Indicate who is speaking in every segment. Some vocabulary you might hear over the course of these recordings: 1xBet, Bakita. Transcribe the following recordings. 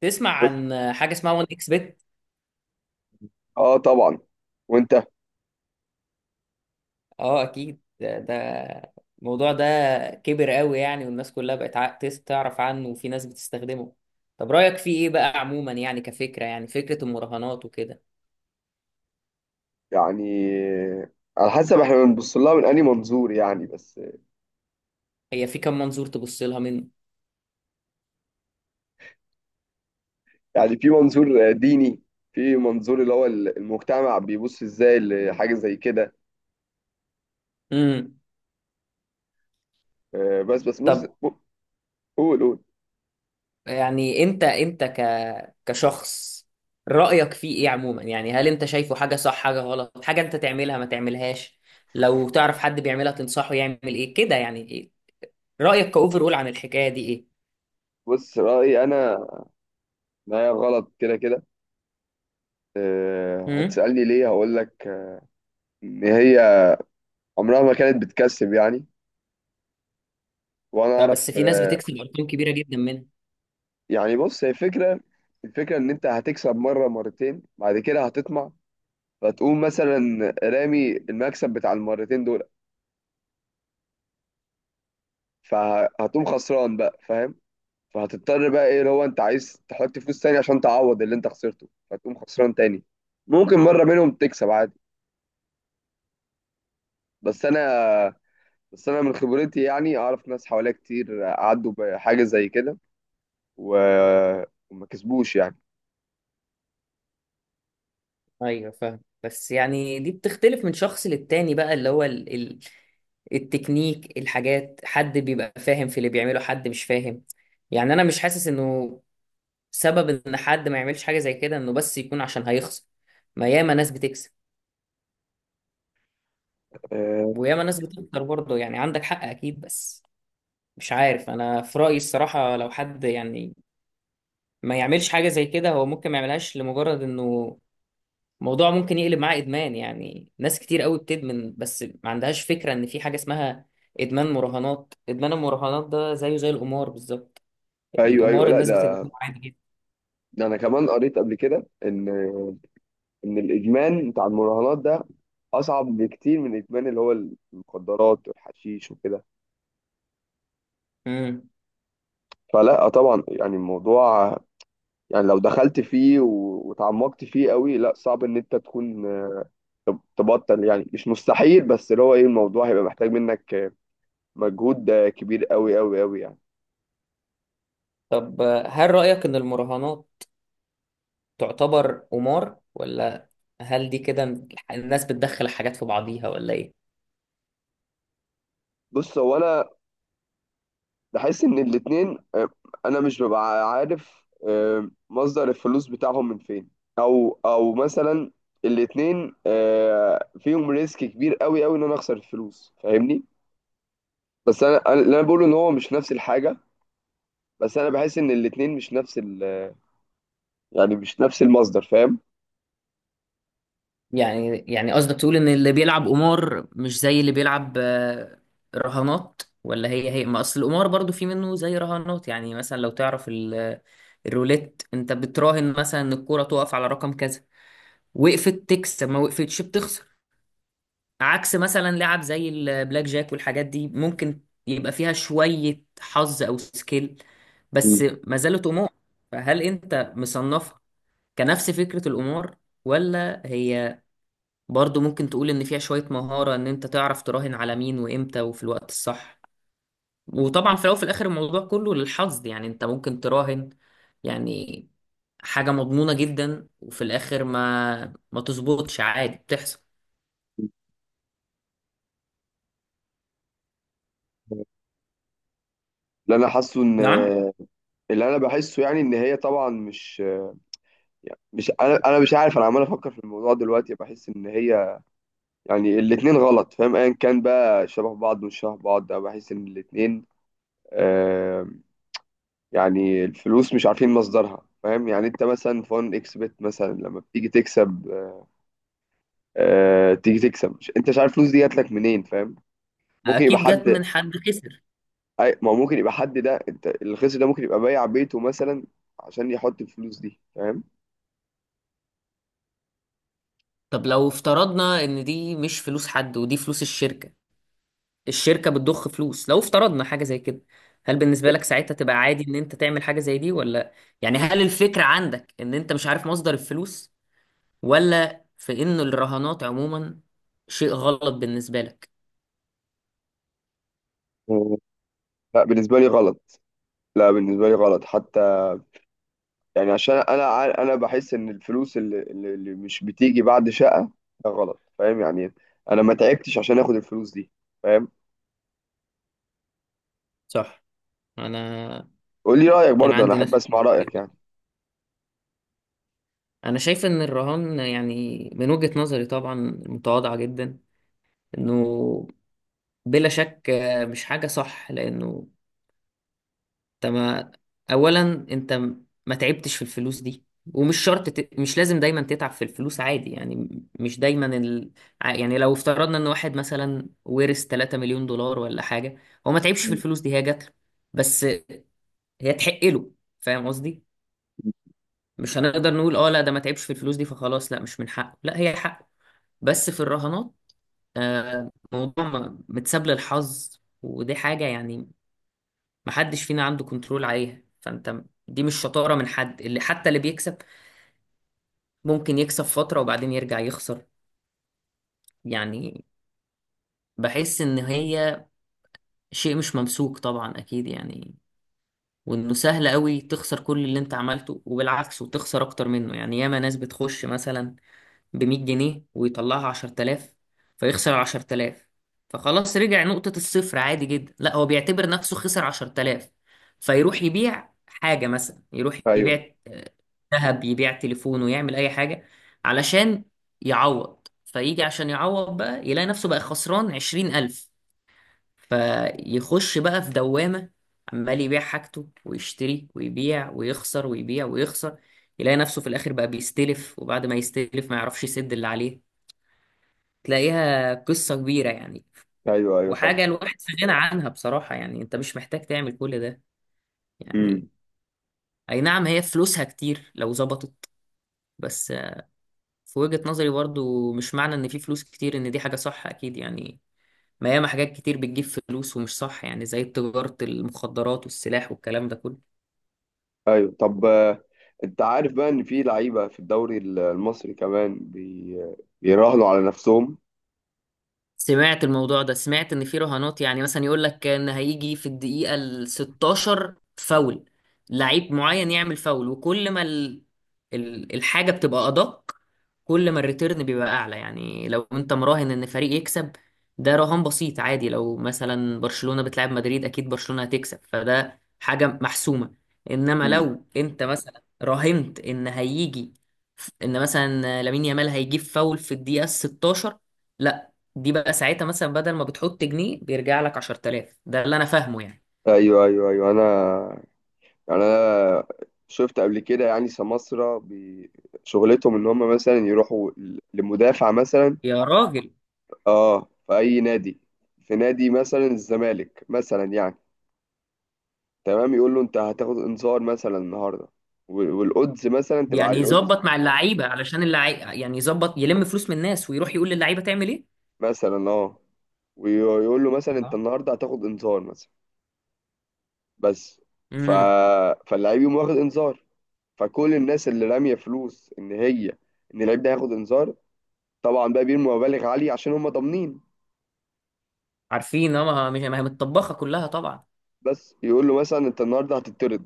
Speaker 1: تسمع
Speaker 2: و-
Speaker 1: عن حاجة اسمها 1 اكس بت؟
Speaker 2: اه طبعا. وانت؟
Speaker 1: اه، اكيد. ده الموضوع ده كبر قوي، يعني والناس كلها بقت تعرف عنه، وفي ناس بتستخدمه. طب رأيك فيه ايه بقى عموما؟ يعني كفكرة، يعني فكرة المراهنات وكده.
Speaker 2: يعني على حسب احنا بنبص لها من انهي منظور يعني بس.
Speaker 1: هي في كم منظور تبص لها منه؟
Speaker 2: يعني في منظور ديني، في منظور اللي هو المجتمع بيبص ازاي لحاجة زي كده.
Speaker 1: امم
Speaker 2: بس بص.
Speaker 1: طب،
Speaker 2: قول.
Speaker 1: يعني انت كشخص رأيك فيه ايه عموما؟ يعني هل انت شايفه حاجة صح، حاجة غلط، حاجة انت تعملها ما تعملهاش؟ لو تعرف حد بيعملها تنصحه يعمل ايه كده؟ يعني ايه رأيك كأوفر اول عن الحكاية دي؟ ايه
Speaker 2: بص رأيي انا ان هي غلط كده كده.
Speaker 1: امم
Speaker 2: هتسألني ليه؟ هقول لك ان هي عمرها ما كانت بتكسب يعني. وانا اعرف.
Speaker 1: فبس في ناس بتكسب ارقام كبيره جدا منها.
Speaker 2: يعني بص، هي فكرة. الفكرة ان انت هتكسب مرة مرتين، بعد كده هتطمع، فتقوم مثلا رامي المكسب بتاع المرتين دول، فهتقوم خسران بقى، فاهم؟ فهتضطر بقى ايه اللي هو انت عايز تحط فلوس تاني عشان تعوض اللي انت خسرته، فتقوم خسران تاني. ممكن مرة منهم تكسب عادي، بس انا، بس انا من خبرتي يعني اعرف ناس حواليا كتير عدوا بحاجة زي كده و... وما كسبوش يعني.
Speaker 1: ايوه فاهم، بس يعني دي بتختلف من شخص للتاني بقى، اللي هو التكنيك، الحاجات، حد بيبقى فاهم في اللي بيعمله، حد مش فاهم. يعني انا مش حاسس انه سبب ان حد ما يعملش حاجه زي كده انه بس يكون عشان هيخسر. ما ياما ناس بتكسب،
Speaker 2: أه،
Speaker 1: وياما ناس بتخسر برضه. يعني عندك حق اكيد، بس مش عارف انا في رايي الصراحه، لو حد يعني ما يعملش حاجه زي كده، هو ممكن ما يعملهاش لمجرد انه الموضوع ممكن يقلب معاه ادمان. يعني ناس كتير قوي بتدمن، بس ما عندهاش فكره ان في حاجه اسمها ادمان مراهنات. ادمان المراهنات ده زيه زي القمار بالظبط.
Speaker 2: ايوه ايوه،
Speaker 1: القمار
Speaker 2: لا
Speaker 1: الناس
Speaker 2: ده،
Speaker 1: بتدمنه عادي جدا.
Speaker 2: ده انا كمان قريت قبل كده ان ان الادمان بتاع المراهنات ده اصعب بكتير من الادمان اللي هو المخدرات والحشيش وكده.
Speaker 1: امم
Speaker 2: فلا طبعا، يعني الموضوع، يعني لو دخلت فيه وتعمقت فيه قوي، لا صعب ان انت تكون تبطل. يعني مش مستحيل، بس اللي هو ايه، الموضوع هيبقى محتاج منك مجهود كبير قوي قوي قوي يعني.
Speaker 1: طب، هل رايك ان المراهنات تعتبر قمار، ولا هل دي كده الناس بتدخل حاجات في بعضيها، ولا ايه؟
Speaker 2: بص، هو انا بحس ان الاتنين انا مش ببقى عارف مصدر الفلوس بتاعهم من فين، او مثلا الاتنين فيهم ريسك كبير قوي قوي ان انا اخسر الفلوس، فاهمني؟ بس انا، اللي انا بقوله ان هو مش نفس الحاجه. بس انا بحس ان الاتنين مش نفس ال، يعني مش نفس المصدر، فاهم؟
Speaker 1: يعني قصدك تقول ان اللي بيلعب قمار مش زي اللي بيلعب رهانات، ولا هي هي؟ ما اصل القمار برضو في منه زي رهانات، يعني مثلا لو تعرف الروليت، انت بتراهن مثلا ان الكوره تقف على رقم كذا، وقفت تكسب، ما وقفتش بتخسر. عكس مثلا لعب زي البلاك جاك والحاجات دي ممكن يبقى فيها شوية حظ او سكيل،
Speaker 2: مم.
Speaker 1: بس ما زالت قمار. فهل انت مصنفها كنفس فكرة القمار، ولا هي برضو ممكن تقول ان فيها شوية مهارة ان انت تعرف تراهن على مين وامتى وفي الوقت الصح؟ وطبعا في الاول وفي الاخر الموضوع كله للحظ، يعني انت ممكن تراهن يعني حاجة مضمونة جدا وفي الاخر ما تظبطش، عادي، بتحصل.
Speaker 2: اللي انا حاسه ان،
Speaker 1: نعم.
Speaker 2: اللي انا بحسه يعني ان هي طبعا مش يعني مش، انا مش عارف، انا عمال افكر في الموضوع دلوقتي، بحس ان هي، يعني الاتنين غلط، فاهم؟ ايا كان بقى شبه بعض مش شبه بعض، أنا بحس ان الاتنين آه، يعني الفلوس مش عارفين مصدرها، فاهم؟ يعني انت مثلا فون اكس بت مثلا لما بتيجي تكسب، آه تيجي تكسب، مش انت مش عارف الفلوس دي جات لك منين، فاهم؟ ممكن يبقى
Speaker 1: اكيد جت
Speaker 2: حد.
Speaker 1: من حد خسر.
Speaker 2: ما هو ممكن يبقى حد، ده انت الخسر ده ممكن يبقى بايع بيته مثلا عشان يحط الفلوس دي، فاهم؟
Speaker 1: طب لو افترضنا ان دي مش فلوس حد، ودي فلوس الشركة، الشركة بتضخ فلوس، لو افترضنا حاجة زي كده، هل بالنسبة لك ساعتها تبقى عادي ان انت تعمل حاجة زي دي؟ ولا يعني هل الفكرة عندك ان انت مش عارف مصدر الفلوس، ولا في إن الرهانات عموما شيء غلط بالنسبة لك؟
Speaker 2: لا بالنسبة لي غلط. لا بالنسبة لي غلط حتى. يعني عشان انا، انا بحس ان الفلوس اللي مش بتيجي بعد شقه ده غلط، فاهم يعني؟ انا ما تعبتش عشان اخد الفلوس دي، فاهم؟
Speaker 1: صح. أنا
Speaker 2: قول لي رايك
Speaker 1: أنا
Speaker 2: برضه، انا
Speaker 1: عندي
Speaker 2: احب
Speaker 1: ناس
Speaker 2: اسمع
Speaker 1: كتير
Speaker 2: رايك
Speaker 1: بقى.
Speaker 2: يعني.
Speaker 1: أنا شايف إن الرهان، يعني من وجهة نظري طبعا متواضعة جدا، إنه بلا شك مش حاجة صح، لأنه انت ما اولا انت ما تعبتش في الفلوس دي، ومش شرط مش لازم دايما تتعب في الفلوس، عادي يعني مش دايما يعني لو افترضنا ان واحد مثلا ورث 3 مليون دولار ولا حاجة، هو ما تعبش في
Speaker 2: مم.
Speaker 1: الفلوس دي، هي جات له، بس هي تحق له، فاهم قصدي؟ مش هنقدر نقول اه لا ده ما تعبش في الفلوس دي فخلاص لا مش من حقه، لا هي حقه. بس في الرهانات، موضوع متساب للحظ، ودي حاجة يعني محدش فينا عنده كنترول عليها، فانت دي مش شطارة من حد، اللي حتى اللي بيكسب ممكن يكسب فترة وبعدين يرجع يخسر. يعني بحس ان هي شيء مش ممسوك، طبعا اكيد يعني، وانه سهل قوي تخسر كل اللي انت عملته وبالعكس وتخسر اكتر منه. يعني ياما ناس بتخش مثلا ب 100 جنيه ويطلعها 10,000، فيخسر 10,000، فخلاص رجع نقطة الصفر، عادي جدا، لا هو بيعتبر نفسه خسر 10,000، فيروح يبيع حاجة، مثلا يروح
Speaker 2: ايوه
Speaker 1: يبيع ذهب، يبيع تليفونه، يعمل اي حاجه علشان يعوض. فيجي عشان يعوض بقى يلاقي نفسه بقى خسران عشرين ألف، فيخش بقى في دوامة، عمال يبيع حاجته ويشتري، ويبيع ويخسر، ويبيع ويخسر، يلاقي نفسه في الآخر بقى بيستلف، وبعد ما يستلف ما يعرفش يسد اللي عليه، تلاقيها قصة كبيرة يعني.
Speaker 2: ايوه ايوه،
Speaker 1: وحاجة
Speaker 2: صح.
Speaker 1: الواحد في غنى عنها بصراحة، يعني انت مش محتاج تعمل كل ده
Speaker 2: امم.
Speaker 1: يعني. اي نعم، هي فلوسها كتير لو ظبطت، بس في وجهة نظري برضو مش معنى ان في فلوس كتير ان دي حاجة صح، اكيد يعني، ما ياما حاجات كتير بتجيب فلوس ومش صح، يعني زي تجارة المخدرات والسلاح والكلام ده كله.
Speaker 2: ايوه طب، انت عارف بقى ان في لعيبه في الدوري المصري كمان بيراهنوا على نفسهم؟
Speaker 1: سمعت الموضوع ده، سمعت ان في رهانات يعني مثلا يقول لك ان هيجي في الدقيقة ال 16 فاول لعيب معين
Speaker 2: مم.
Speaker 1: يعمل فاول، وكل ما الحاجة بتبقى ادق، كل ما الريتيرن بيبقى اعلى. يعني لو انت مراهن ان فريق يكسب ده رهان بسيط عادي، لو مثلا برشلونة بتلعب مدريد اكيد برشلونة هتكسب، فده حاجة محسومة. انما
Speaker 2: امم.
Speaker 1: لو انت مثلا راهنت ان مثلا لامين يامال هيجيب فاول في الدقيقة 16، دي بقى ساعتها مثلا بدل ما بتحط جنيه بيرجع لك 10,000. ده اللي انا فاهمه يعني.
Speaker 2: ايوه ايوه ايوه، انا، يعني انا شفت قبل كده يعني سماسرة شغلتهم ان هم مثلا يروحوا لمدافع مثلا،
Speaker 1: يا راجل.
Speaker 2: اه في اي نادي، في نادي مثلا الزمالك مثلا يعني، تمام، يقول له انت هتاخد انذار مثلا النهارده، والodds مثلا تبقى
Speaker 1: يعني
Speaker 2: عالية، الأودز
Speaker 1: يظبط مع اللعيبه، علشان اللعيبه يعني يظبط يلم فلوس من الناس ويروح يقول للعيبه تعمل ايه.
Speaker 2: مثلا، اه، ويقول له مثلا انت
Speaker 1: آه.
Speaker 2: النهارده هتاخد انذار مثلا بس. ف...
Speaker 1: امم
Speaker 2: فاللعيب يقوم واخد انذار، فكل الناس اللي راميه فلوس ان هي ان اللعيب ده هياخد انذار طبعا، بقى بيرموا مبالغ عالية عشان هم ضامنين.
Speaker 1: عارفين، اه ما هي متطبخه كلها طبعا.
Speaker 2: بس يقول له مثلا انت النهارده هتطرد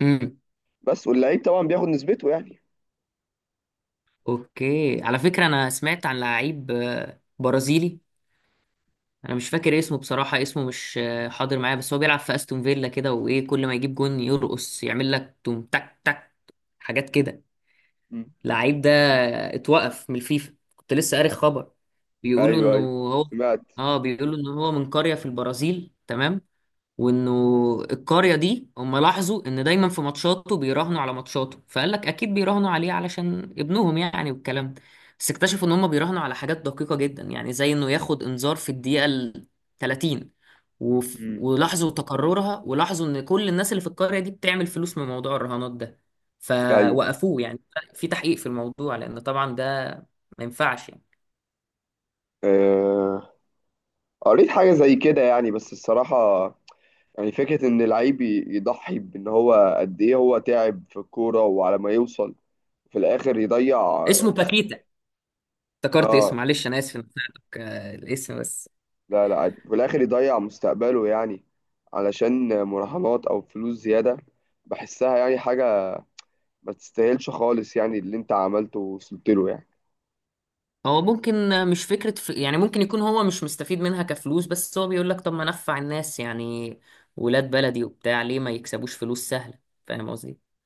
Speaker 1: امم
Speaker 2: بس. واللعيب طبعا بياخد نسبته يعني.
Speaker 1: اوكي، على فكره انا سمعت عن لعيب برازيلي، انا مش فاكر اسمه بصراحه، اسمه مش حاضر معايا، بس هو بيلعب في استون فيلا كده، وايه كل ما يجيب جون يرقص يعمل لك توم تك تك، حاجات كده.
Speaker 2: مم.
Speaker 1: لعيب ده اتوقف من الفيفا، كنت لسه قاري خبر. بيقولوا
Speaker 2: ايوه
Speaker 1: انه
Speaker 2: ايوه،
Speaker 1: هو
Speaker 2: سمعت.
Speaker 1: اه بيقولوا انه هو من قرية في البرازيل، تمام، وانه القرية دي هم لاحظوا ان دايما في ماتشاته بيراهنوا على ماتشاته، فقال لك اكيد بيراهنوا عليه علشان ابنهم يعني والكلام ده. بس اكتشفوا ان هم بيراهنوا على حاجات دقيقة جدا، يعني زي انه ياخد انذار في الدقيقة ال 30،
Speaker 2: مم.
Speaker 1: ولاحظوا تكررها، ولاحظوا ان كل الناس اللي في القرية دي بتعمل فلوس من موضوع الرهانات ده،
Speaker 2: ايوه.
Speaker 1: فوقفوه يعني، في تحقيق في الموضوع لان طبعا ده ما ينفعش يعني.
Speaker 2: آه... قريت حاجة زي كده يعني، بس الصراحة يعني فكرة ان اللعيب يضحي بان هو قد ايه هو تعب في الكورة وعلى ما يوصل في الاخر يضيع
Speaker 1: اسمه
Speaker 2: مست...
Speaker 1: باكيتا، افتكرت
Speaker 2: اه
Speaker 1: اسمه، معلش انا اسف إني قلت لك، الاسم بس.
Speaker 2: لا لا عادي، في الاخر يضيع مستقبله يعني علشان مراهنات او فلوس زيادة، بحسها يعني حاجة ما تستاهلش خالص يعني اللي انت عملته ووصلت له يعني
Speaker 1: هو ممكن مش فكرة يعني ممكن يكون هو مش مستفيد منها كفلوس، بس هو بيقول لك طب ما نفع الناس، يعني ولاد بلدي وبتاع، ليه ما يكسبوش فلوس سهلة؟ فاهم قصدي؟